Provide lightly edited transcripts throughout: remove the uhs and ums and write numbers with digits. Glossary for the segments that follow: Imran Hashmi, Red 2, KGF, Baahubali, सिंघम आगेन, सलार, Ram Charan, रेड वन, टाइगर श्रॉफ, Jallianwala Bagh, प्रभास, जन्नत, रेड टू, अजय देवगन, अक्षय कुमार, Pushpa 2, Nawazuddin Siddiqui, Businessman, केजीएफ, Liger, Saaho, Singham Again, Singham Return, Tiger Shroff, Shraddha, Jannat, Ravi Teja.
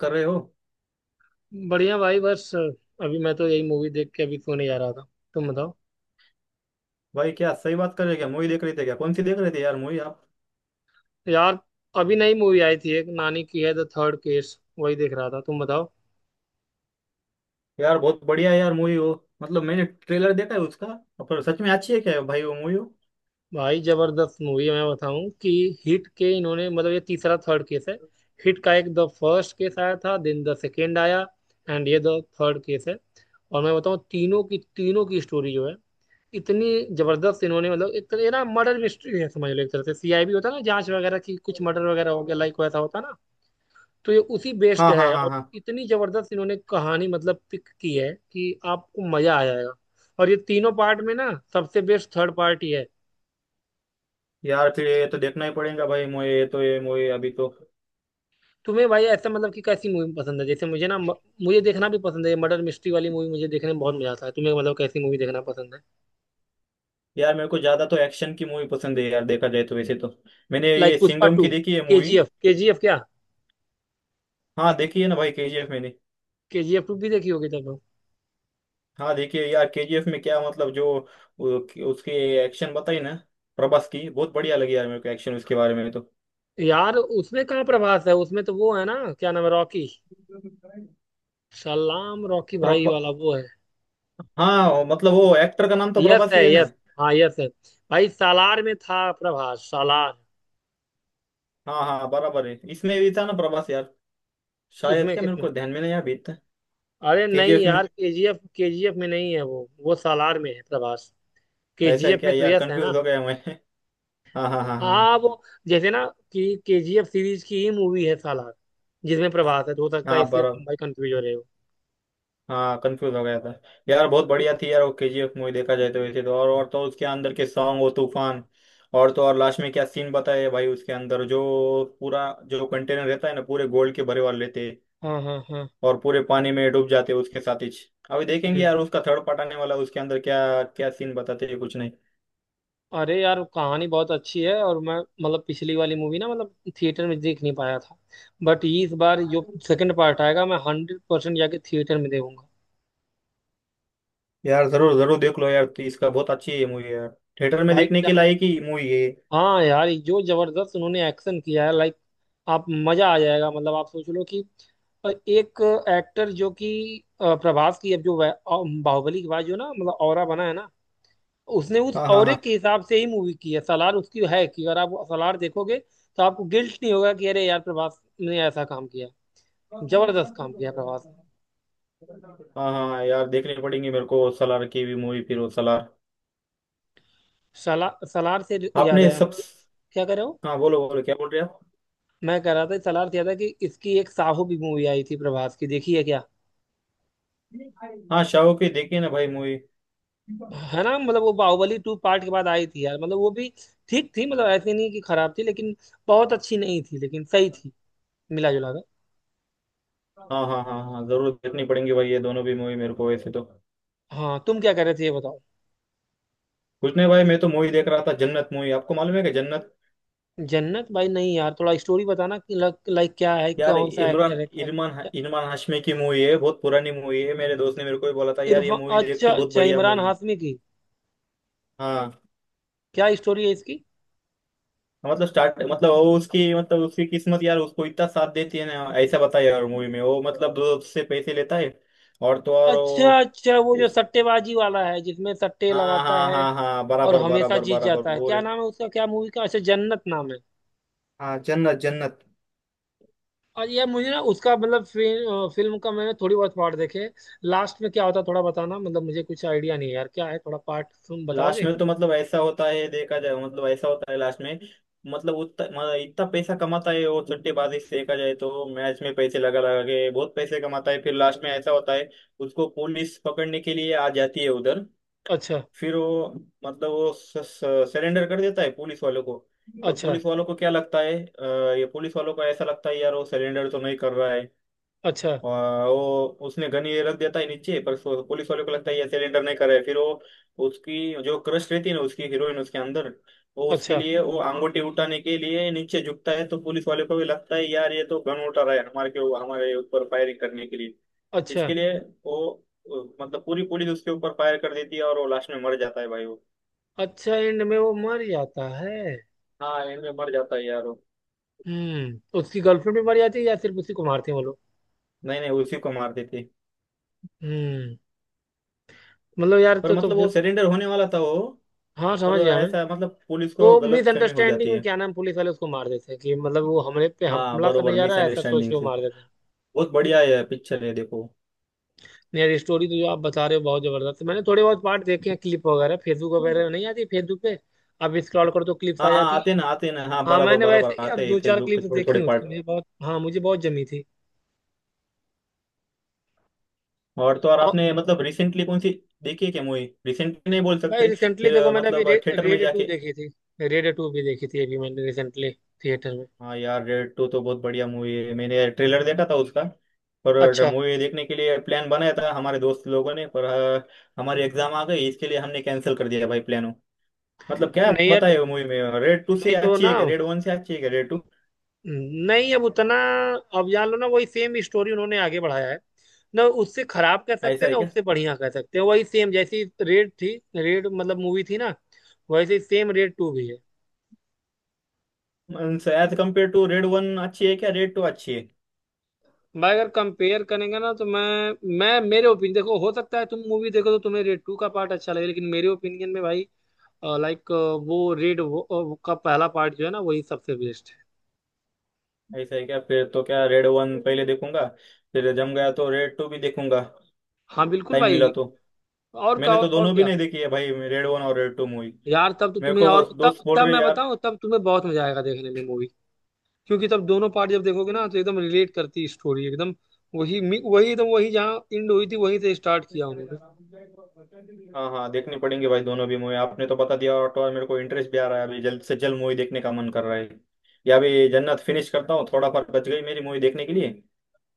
कर रहे हो। बढ़िया भाई। बस अभी मैं तो यही मूवी देख के अभी सोने जा रहा था। तुम बताओ। भाई क्या सही बात कर रहे हो, क्या मूवी देख रहे थे, क्या कौन सी देख रहे थे यार मूवी आप। यार अभी नई मूवी आई थी एक नानी की है, द थर्ड केस, वही देख रहा था। तुम बताओ। यार बहुत बढ़िया है यार मूवी वो। मतलब मैंने ट्रेलर देखा है उसका। पर सच में अच्छी है क्या भाई वो मूवी वो। भाई जबरदस्त मूवी है। मैं बताऊं कि हिट के इन्होंने मतलब ये तीसरा थर्ड केस है। हिट का एक द फर्स्ट केस आया था, देन द सेकेंड आया, एंड ये द थर्ड केस है। और मैं बताऊं, तीनों की स्टोरी जो है इतनी जबरदस्त इन्होंने मतलब, एक तरह ये ना मर्डर मिस्ट्री है समझ लो। एक तरह से सीआईबी होता है ना, जांच वगैरह की, कुछ मर्डर वगैरह हो गया, लाइक वैसा होता है ना। तो ये उसी बेस्ड हाँ हाँ है। हाँ और हाँ। इतनी जबरदस्त इन्होंने कहानी मतलब पिक की है कि आपको मजा आ जाएगा। और ये तीनों पार्ट में ना सबसे बेस्ट थर्ड पार्ट ही है। यार फिर ये तो देखना ही पड़ेगा भाई मूवी, ये तो ये मूवी अभी तो। तुम्हें भाई ऐसा मतलब कि कैसी मूवी पसंद है? जैसे मुझे देखना भी पसंद है मर्डर मिस्ट्री वाली मूवी। मुझे देखने में बहुत मजा आता है। तुम्हें मतलब कैसी मूवी देखना पसंद है? यार मेरे को ज्यादा तो एक्शन की मूवी पसंद है यार, देखा जाए तो वैसे तो मैंने लाइक ये पुष्पा सिंघम टू, की देखी है के movie. G F. K G F क्या, हाँ देखी है ना भाई केजीएफ मैंने। के जी एफ टू भी देखी होगी तब तो। हाँ देखिए यार केजीएफ में क्या, मतलब जो उसके एक्शन बताई ना, प्रभास की बहुत बढ़िया लगी यार मेरे को, एक्शन उसके बारे में तो। यार उसमें कहाँ प्रभास है? उसमें तो वो है ना, क्या नाम है, रॉकी, सलाम रॉकी भाई प्रभा वाला वो है। हाँ मतलब वो एक्टर का नाम तो यस प्रभास है, ही है यस। ना। हाँ यस है। भाई सालार में था प्रभास, सालार। हाँ हाँ बराबर है, इसमें भी था ना प्रभास यार शायद, किसमें क्या मेरे किसमें? को ध्यान में नहीं आ बीत। अरे नहीं केजीएफ में यार, केजीएफ, केजीएफ में नहीं है वो सालार में है प्रभास। ऐसा है केजीएफ क्या में तो यार, यस है ना। कंफ्यूज हो गया मैं। हाँ हाँ हाँ हाँ हाँ हाँ। वो, जैसे ना, कि केजीएफ सीरीज की ही मूवी है सालार, जिसमें प्रभास है, तो हो सकता है हाँ इसलिए बराबर। तुम भाई कंफ्यूज हो रहे हो। हाँ कंफ्यूज हो गया था। यार बहुत बढ़िया थी यार वो केजीएफ मूवी, देखा जाए तो वैसे तो। और तो उसके अंदर के सॉन्ग, वो तूफान। और तो और लास्ट में क्या सीन बताया है भाई उसके अंदर, जो पूरा जो कंटेनर रहता है ना पूरे गोल्ड के भरे वाले लेते हैं, हाँ, हाँ, हाँ। और पूरे पानी में डूब जाते उसके साथ ही। अभी देखेंगे हम्म। यार उसका थर्ड पार्ट आने वाला, उसके अंदर क्या क्या सीन बताते हैं कुछ नहीं। अरे यार कहानी बहुत अच्छी है और मैं मतलब पिछली वाली मूवी ना मतलब थिएटर में देख नहीं पाया था, बट इस बार जो सेकंड पार्ट आएगा मैं हंड्रेड परसेंट जाके थिएटर में देखूंगा। यार जरूर जरूर देख लो यार तो, इसका बहुत अच्छी है मूवी यार, थिएटर में भाई देखने क्या के ही- लायक ही मूवी है। हाँ यार ये जो जबरदस्त उन्होंने एक्शन किया है, लाइक आप मजा आ जाएगा। मतलब आप सोच लो कि एक एक्टर जो कि प्रभास की अब जो बाहुबली के बाद जो ना मतलब ऑरा बना है ना, उसने उस हाँ हाँ ऑरे हाँ के हिसाब से ही मूवी की है। सालार उसकी है कि अगर आप सालार देखोगे तो आपको गिल्ट नहीं होगा कि अरे यार प्रभास ने ऐसा काम किया। जबरदस्त काम किया प्रभास ने। हाँ हाँ। यार देखनी पड़ेंगी मेरे को सलार की भी मूवी, फिर वो सलार सालार से याद आपने आया सब। मुझे। क्या कह रहे हो? हाँ बोलो बोलो क्या बोल रहे आप। मैं कह रहा था सालार से याद है कि इसकी एक साहू भी मूवी आई थी प्रभास की, देखी है क्या? हाँ शाहो की देखी ना भाई मूवी। है ना, मतलब वो बाहुबली टू पार्ट के बाद आई थी यार, मतलब वो भी ठीक थी। मतलब ऐसी नहीं कि खराब थी, लेकिन बहुत अच्छी नहीं थी, लेकिन सही थी, मिला जुला कर। हाँ हाँ हाँ हाँ जरूर देखनी पड़ेंगी भाई ये दोनों भी मूवी मेरे को वैसे तो। हाँ तुम क्या कह रहे थे ये बताओ। कुछ नहीं भाई मैं तो मूवी देख रहा था जन्नत मूवी, आपको मालूम है कि जन्नत। जन्नत, भाई नहीं यार थोड़ा स्टोरी बताना कि लाइक क्या है, यार कौन सा इमरान, एक्टर है क्या। इरमान इरमान हाशमी की मूवी है, बहुत पुरानी मूवी है। मेरे दोस्त ने मेरे को भी बोला था यार ये इरफान, मूवी देख अच्छा तू, बहुत अच्छा, बढ़िया इमरान मूवी। हाशमी की। हाँ क्या स्टोरी है इसकी? मतलब स्टार्ट, मतलब वो उसकी, मतलब उसकी किस्मत यार उसको इतना साथ देती है ना। ऐसा बताया यार मूवी में, वो मतलब दोस्त से पैसे लेता है और तो और अच्छा वो अच्छा, वो जो उस। सट्टेबाजी वाला है जिसमें सट्टे हाँ लगाता हाँ है हाँ हाँ और बराबर हमेशा बराबर जीत बराबर जाता है। वो क्या रे। नाम है उसका, क्या मूवी का? अच्छा, जन्नत नाम है। हाँ जन्नत जन्नत। और यार मुझे ना उसका मतलब फिल्म फिल्म का मैंने थोड़ी बहुत पार्ट देखे। लास्ट में क्या होता है थोड़ा बताना, मतलब मुझे कुछ आइडिया नहीं है यार क्या है, थोड़ा पार्ट तुम लास्ट बताओगे। में तो मतलब ऐसा होता है, देखा जाए मतलब ऐसा होता है लास्ट में, मतलब उतना मतलब इतना पैसा कमाता है वो सट्टेबाजी से, देखा जाए तो मैच में पैसे लगा लगा के बहुत पैसे कमाता है। फिर लास्ट में ऐसा होता है, उसको पुलिस पकड़ने के लिए आ जाती है उधर। अच्छा, फिर वो मतलब वो सरेंडर कर देता है पुलिस वालों को। और अच्छा, पुलिस वालों को क्या लगता है ये, पुलिस वालों को ऐसा लगता है यार वो सरेंडर तो नहीं कर रहा है। अच्छा, आ, वो उसने गन ये रख देता है नीचे, पर पुलिस वाले को लगता है ये सिलेंडर नहीं कर रहा है। फिर वो, उसकी जो क्रश रहती है ना उसकी हीरोइन उसके अंदर, वो उसके अच्छा। लिए वो अंगूठी उठाने के लिए नीचे झुकता है, तो पुलिस वाले को भी लगता है यार ये तो गन उठा रहा है हमारे के हमारे ऊपर फायरिंग करने के लिए, अच्छा, इसके लिए वो मतलब पूरी पुलिस उसके ऊपर फायर कर देती है और वो लास्ट में मर जाता है भाई वो। अच्छा, एंड में वो मर जाता है। हाँ एंड में मर जाता है यार वो। हम्म। उसकी गर्लफ्रेंड भी मर जाती है या सिर्फ उसी को मारते हैं वो लोग? नहीं नहीं उसी को मार देती। हम्म। मतलब यार पर तो मतलब वो फिर, सरेंडर होने वाला था वो, हाँ समझ पर गया मैं। ऐसा मतलब पुलिस को वो गलत फहमी हो मिसअंडरस्टैंडिंग जाती में है। क्या नाम, पुलिस वाले उसको मार देते हैं कि मतलब वो हमले पे हाँ हमला करने बरोबर जा रहा है, ऐसा सोच मिसअंडरस्टैंडिंग के वो से, मार देते हैं। बहुत बढ़िया है पिक्चर है देखो। नहीं यार ये स्टोरी तो जो आप बता रहे हो बहुत जबरदस्त है। मैंने थोड़े बहुत पार्ट देखे हैं क्लिप वगैरह, फेसबुक वगैरह नहीं आती फेसबुक पे, आप स्क्रॉल करो तो क्लिप्स हाँ आ हाँ जाती आते है। ना आते ना, हाँ हाँ बराबर मैंने बराबर वैसे यार आते हैं दो चार फेसबुक पे क्लिप्स थोड़े देखी थोड़े हैं पार्ट। उसकी, मुझे बहुत, हाँ मुझे बहुत जमी थी। और तो और और आपने मतलब रिसेंटली कौन सी देखी है क्या मूवी, रिसेंटली नहीं बोल भाई सकते रिसेंटली फिर देखो मैंने अभी मतलब थिएटर में रेड टू जाके। देखी थी। रेड टू भी देखी थी अभी मैंने रिसेंटली, थिएटर में। हाँ यार रेड टू तो बहुत बढ़िया मूवी है, मैंने ट्रेलर देखा था उसका। पर अच्छा। मूवी देखने के लिए प्लान बनाया था हमारे दोस्त लोगों ने, पर हमारी एग्जाम आ गई, इसके लिए हमने कैंसिल कर दिया भाई प्लान। मतलब क्या नहीं यार तो, बताए मूवी में, रेड टू से नहीं तो अच्छी ना है क्या, रेड वन से अच्छी है क्या रेड टू। नहीं अब उतना अब जान लो ना वही सेम स्टोरी उन्होंने आगे बढ़ाया है। ना उससे खराब कह सकते ऐसा हैं है ना क्या, उससे बढ़िया कह सकते हैं, वही सेम जैसी रेड थी। रेड मतलब मूवी थी ना, वैसे सेम रेड टू भी है। As compare to रेड वन अच्छी है क्या, रेड टू अच्छी है। भाई अगर कंपेयर करेंगे ना, तो मैं मेरे ओपिनियन देखो, हो सकता है तुम मूवी देखो तो तुम्हें रेड टू का पार्ट अच्छा लगे, लेकिन मेरे ओपिनियन में भाई, लाइक वो रेड वो का पहला पार्ट जो है ना वही सबसे बेस्ट है। ऐसा है क्या, फिर तो क्या रेड वन पहले देखूंगा, फिर जम गया तो रेड टू भी देखूंगा, हाँ बिल्कुल टाइम मिला भाई। तो। और क्या मैंने तो और दोनों भी क्या नहीं देखी है भाई रेड वन और रेड टू मूवी, यार तब तो मेरे तुम्हें, को और दोस्त तब बोल तब रहे मैं यार। बताऊं तब तुम्हें बहुत मजा आएगा देखने में मूवी। क्योंकि तब दोनों पार्ट जब देखोगे ना तो एकदम रिलेट करती है स्टोरी, एकदम वही एकदम वही जहाँ एंड हुई थी वहीं से स्टार्ट किया उन्होंने। हाँ हाँ देखनी पड़ेंगे भाई दोनों भी मूवी, आपने तो बता दिया, और तो और मेरे को इंटरेस्ट भी आ रहा है, अभी जल्द से जल्द मूवी देखने का मन कर रहा है। या अभी जन्नत फिनिश करता हूँ, थोड़ा फर्क बच गई मेरी मूवी देखने के लिए।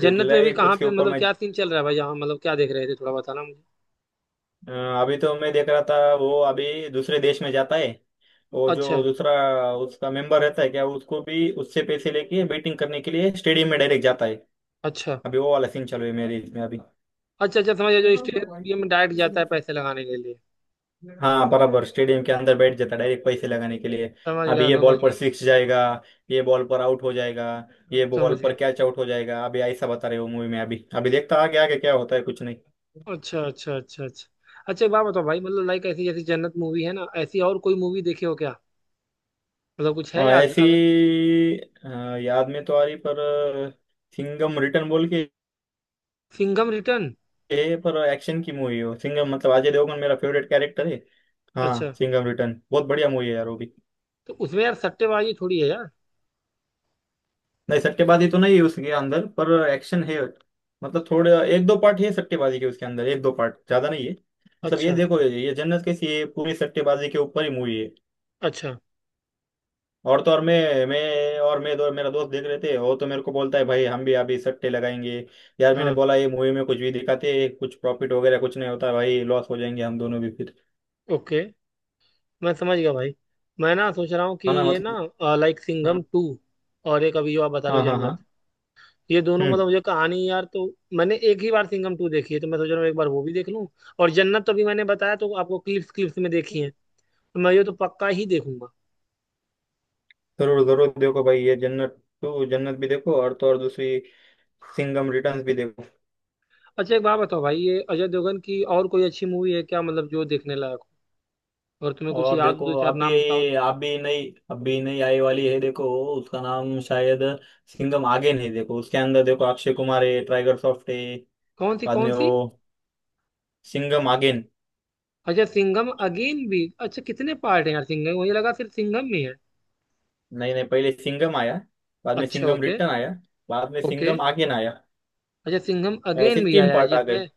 फिर जन्नत में भी लाइक कहाँ उसके पे ऊपर मतलब क्या सीन चल रहा है भाई यहाँ, मतलब क्या देख रहे थे थोड़ा बताना मुझे। अ, अभी तो मैं देख रहा था, वो अभी दूसरे देश में जाता है, वो जो अच्छा, दूसरा उसका मेंबर रहता है क्या, उसको भी उससे पैसे लेके बैटिंग करने के लिए स्टेडियम में डायरेक्ट जाता है। अच्छा, अभी वो वाला सीन चल रही है मेरे इसमें अभी। अच्छा, अच्छा समझ गया, जो स्टेडियम में डायरेक्ट जाता है पैसे लगाने के लिए। हाँ बराबर स्टेडियम के अंदर बैठ जाता है डायरेक्ट पैसे लगाने के लिए। समझ अभी गया, ये समझ बॉल पर गया, सिक्स जाएगा, ये बॉल पर आउट हो जाएगा, ये बॉल समझ पर गया। कैच आउट हो जाएगा, अभी ऐसा बता रहे हो मूवी में, अभी अभी देखता आगे आगे क्या होता है कुछ नहीं। अच्छा, अच्छा, अच्छा, अच्छा। अच्छा एक बात बताओ भाई, मतलब लाइक ऐसी जैसी जन्नत मूवी है ना ऐसी और कोई मूवी देखे हो क्या, मतलब कुछ है हाँ याद ऐसी अगर। अ, याद में तो आ रही, पर सिंघम रिटर्न बोल के सिंघम रिटर्न, है, पर एक्शन की मूवी है वो। सिंघम मतलब अजय देवगन मेरा फेवरेट कैरेक्टर है। अच्छा। हाँ सिंघम रिटर्न बहुत बढ़िया मूवी है यार वो भी। तो उसमें यार सट्टेबाजी थोड़ी है यार। नहीं सट्टेबाजी तो नहीं है उसके अंदर, पर एक्शन है। मतलब थोड़े एक दो पार्ट है सट्टेबाजी के उसके अंदर, एक दो पार्ट, ज्यादा नहीं है। मतलब ये अच्छा। देखो ये जन्नत कैसी है, पूरी सट्टेबाजी के ऊपर ही मूवी है। अच्छा। और तो और मैं दो मेरा दोस्त देख रहे थे, वो तो मेरे को बोलता है भाई हम भी अभी सट्टे लगाएंगे। यार मैंने हाँ, बोला ये मूवी में कुछ भी दिखाते हैं, कुछ प्रॉफिट वगैरह कुछ नहीं होता भाई, लॉस हो जाएंगे हम दोनों भी फिर। ओके, मैं समझ गया भाई। मैं ना सोच रहा हूँ कि है ना ये मतलब ना, लाइक सिंघम हाँ टू, और एक अभी जो आप बता रहे हाँ हो हाँ जन्नत, हाँ। ये दोनों हम्म मतलब मुझे कहानी यार तो। मैंने एक ही बार सिंघम टू देखी है तो मैं सोच रहा हूँ एक बार वो भी देख लूँ। और जन्नत तो अभी मैंने बताया तो आपको, क्लिप्स, क्लिप्स में देखी है, तो मैं ये तो पक्का ही देखूंगा। जरूर जरूर देखो भाई ये जन्नत टू जन्नत भी देखो, और तो और दूसरी सिंघम रिटर्न्स भी देखो। अच्छा एक बात बताओ भाई, ये अजय देवगन की और कोई अच्छी मूवी है क्या, मतलब जो देखने लायक हो और तुम्हें कुछ और याद हो, देखो दो चार अभी, नाम बताओ तो। अभी नई, अभी नई आई वाली है देखो, उसका नाम शायद सिंघम आगे नहीं, देखो उसके अंदर देखो अक्षय कुमार है, टाइगर श्रॉफ है। कौन सी बाद कौन में सी? वो सिंघम अगेन। अच्छा सिंघम अगेन भी, अच्छा कितने पार्ट है यार सिंघम, मुझे लगा सिर्फ सिंघम में है। नहीं नहीं पहले सिंघम आया, बाद में अच्छा, सिंघम ओके। रिटर्न आया, बाद में ओके। सिंघम आगेन आया, अच्छा सिंघम ऐसे अगेन भी तीन आया है पार्ट आ गए। जिसमें,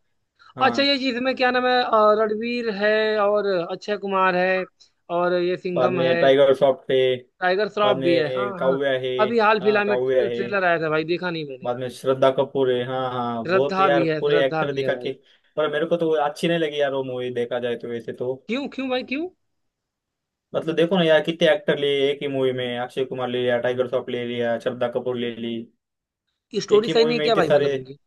हाँ अच्छा ये जिसमें क्या नाम है, रणवीर है और अक्षय कुमार है और ये बाद सिंघम में है। टाइगर श्रॉफ है, टाइगर बाद श्रॉफ भी है, हाँ में हाँ। काव्या है। अभी हाल हाँ फिलहाल में काव्या है, ट्रेलर आया था भाई, देखा नहीं मैंने बाद यार। में श्रद्धा कपूर है, हाँ हाँ बहुत श्रद्धा यार भी है, पूरे श्रद्धा एक्टर भी है दिखा के। भाई। पर मेरे को तो वो अच्छी नहीं लगी यार वो मूवी, देखा जाए तो वैसे तो। क्यों क्यों भाई क्यों? मतलब देखो ना यार कितने एक्टर लिए एक ही मूवी में, अक्षय कुमार ले लिया, टाइगर श्रॉफ ले लिया, श्रद्धा कपूर ले ली, एक स्टोरी ही सही मूवी नहीं है में क्या इतने भाई, मतलब सारे उनकी?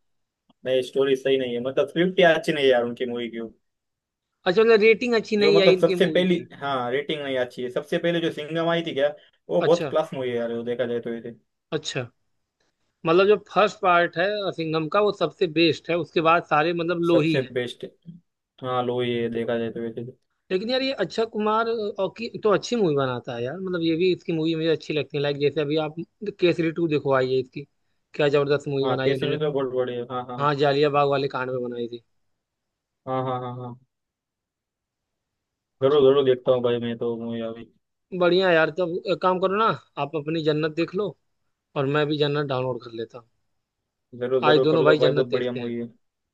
नए। स्टोरी सही नहीं है, मतलब स्क्रिप्ट ही अच्छी नहीं है यार उनकी मूवी की, अच्छा, मतलब रेटिंग अच्छी जो नहीं आई मतलब इनकी सबसे मूवी पहली। की। हाँ रेटिंग नहीं अच्छी है, सबसे पहले जो सिंघम आई थी क्या वो बहुत अच्छा, क्लास मूवी है यार वो, देखा जाए तो वैसे अच्छा, मतलब जो फर्स्ट पार्ट है सिंघम का वो सबसे बेस्ट है, उसके बाद सारे मतलब लो ही सबसे है। बेस्ट। हाँ लो ये देखा जाए तो वैसे तो। लेकिन यार ये अक्षय कुमार और की तो अच्छी मूवी बनाता है यार। मतलब ये भी इसकी मूवी मुझे अच्छी लगती है, लाइक जैसे अभी आप केसरी टू देखो, आई है इसकी, क्या जबरदस्त मूवी हाँ बनाई कैसे भी उन्होंने। तो बहुत बढ़िया, हाँ हाँ हाँ जालियाबाग वाले कांड में बनाई थी। हाँ हाँ हाँ। हाँ जरूर जरूर देखता हूँ भाई मैं तो मूवी अभी। बढ़िया यार, तब एक काम करो ना, आप अपनी जन्नत देख लो और मैं भी जन्नत डाउनलोड कर लेता हूँ। जरूर आज जरूर कर दोनों लो भाई भाई जन्नत बहुत बढ़िया देखते हैं, मूवी है।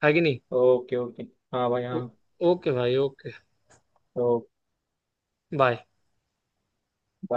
है कि नहीं। Okay okay. हाँ भाई ओ- हाँ। ओके भाई, ओके। ओके। बाय।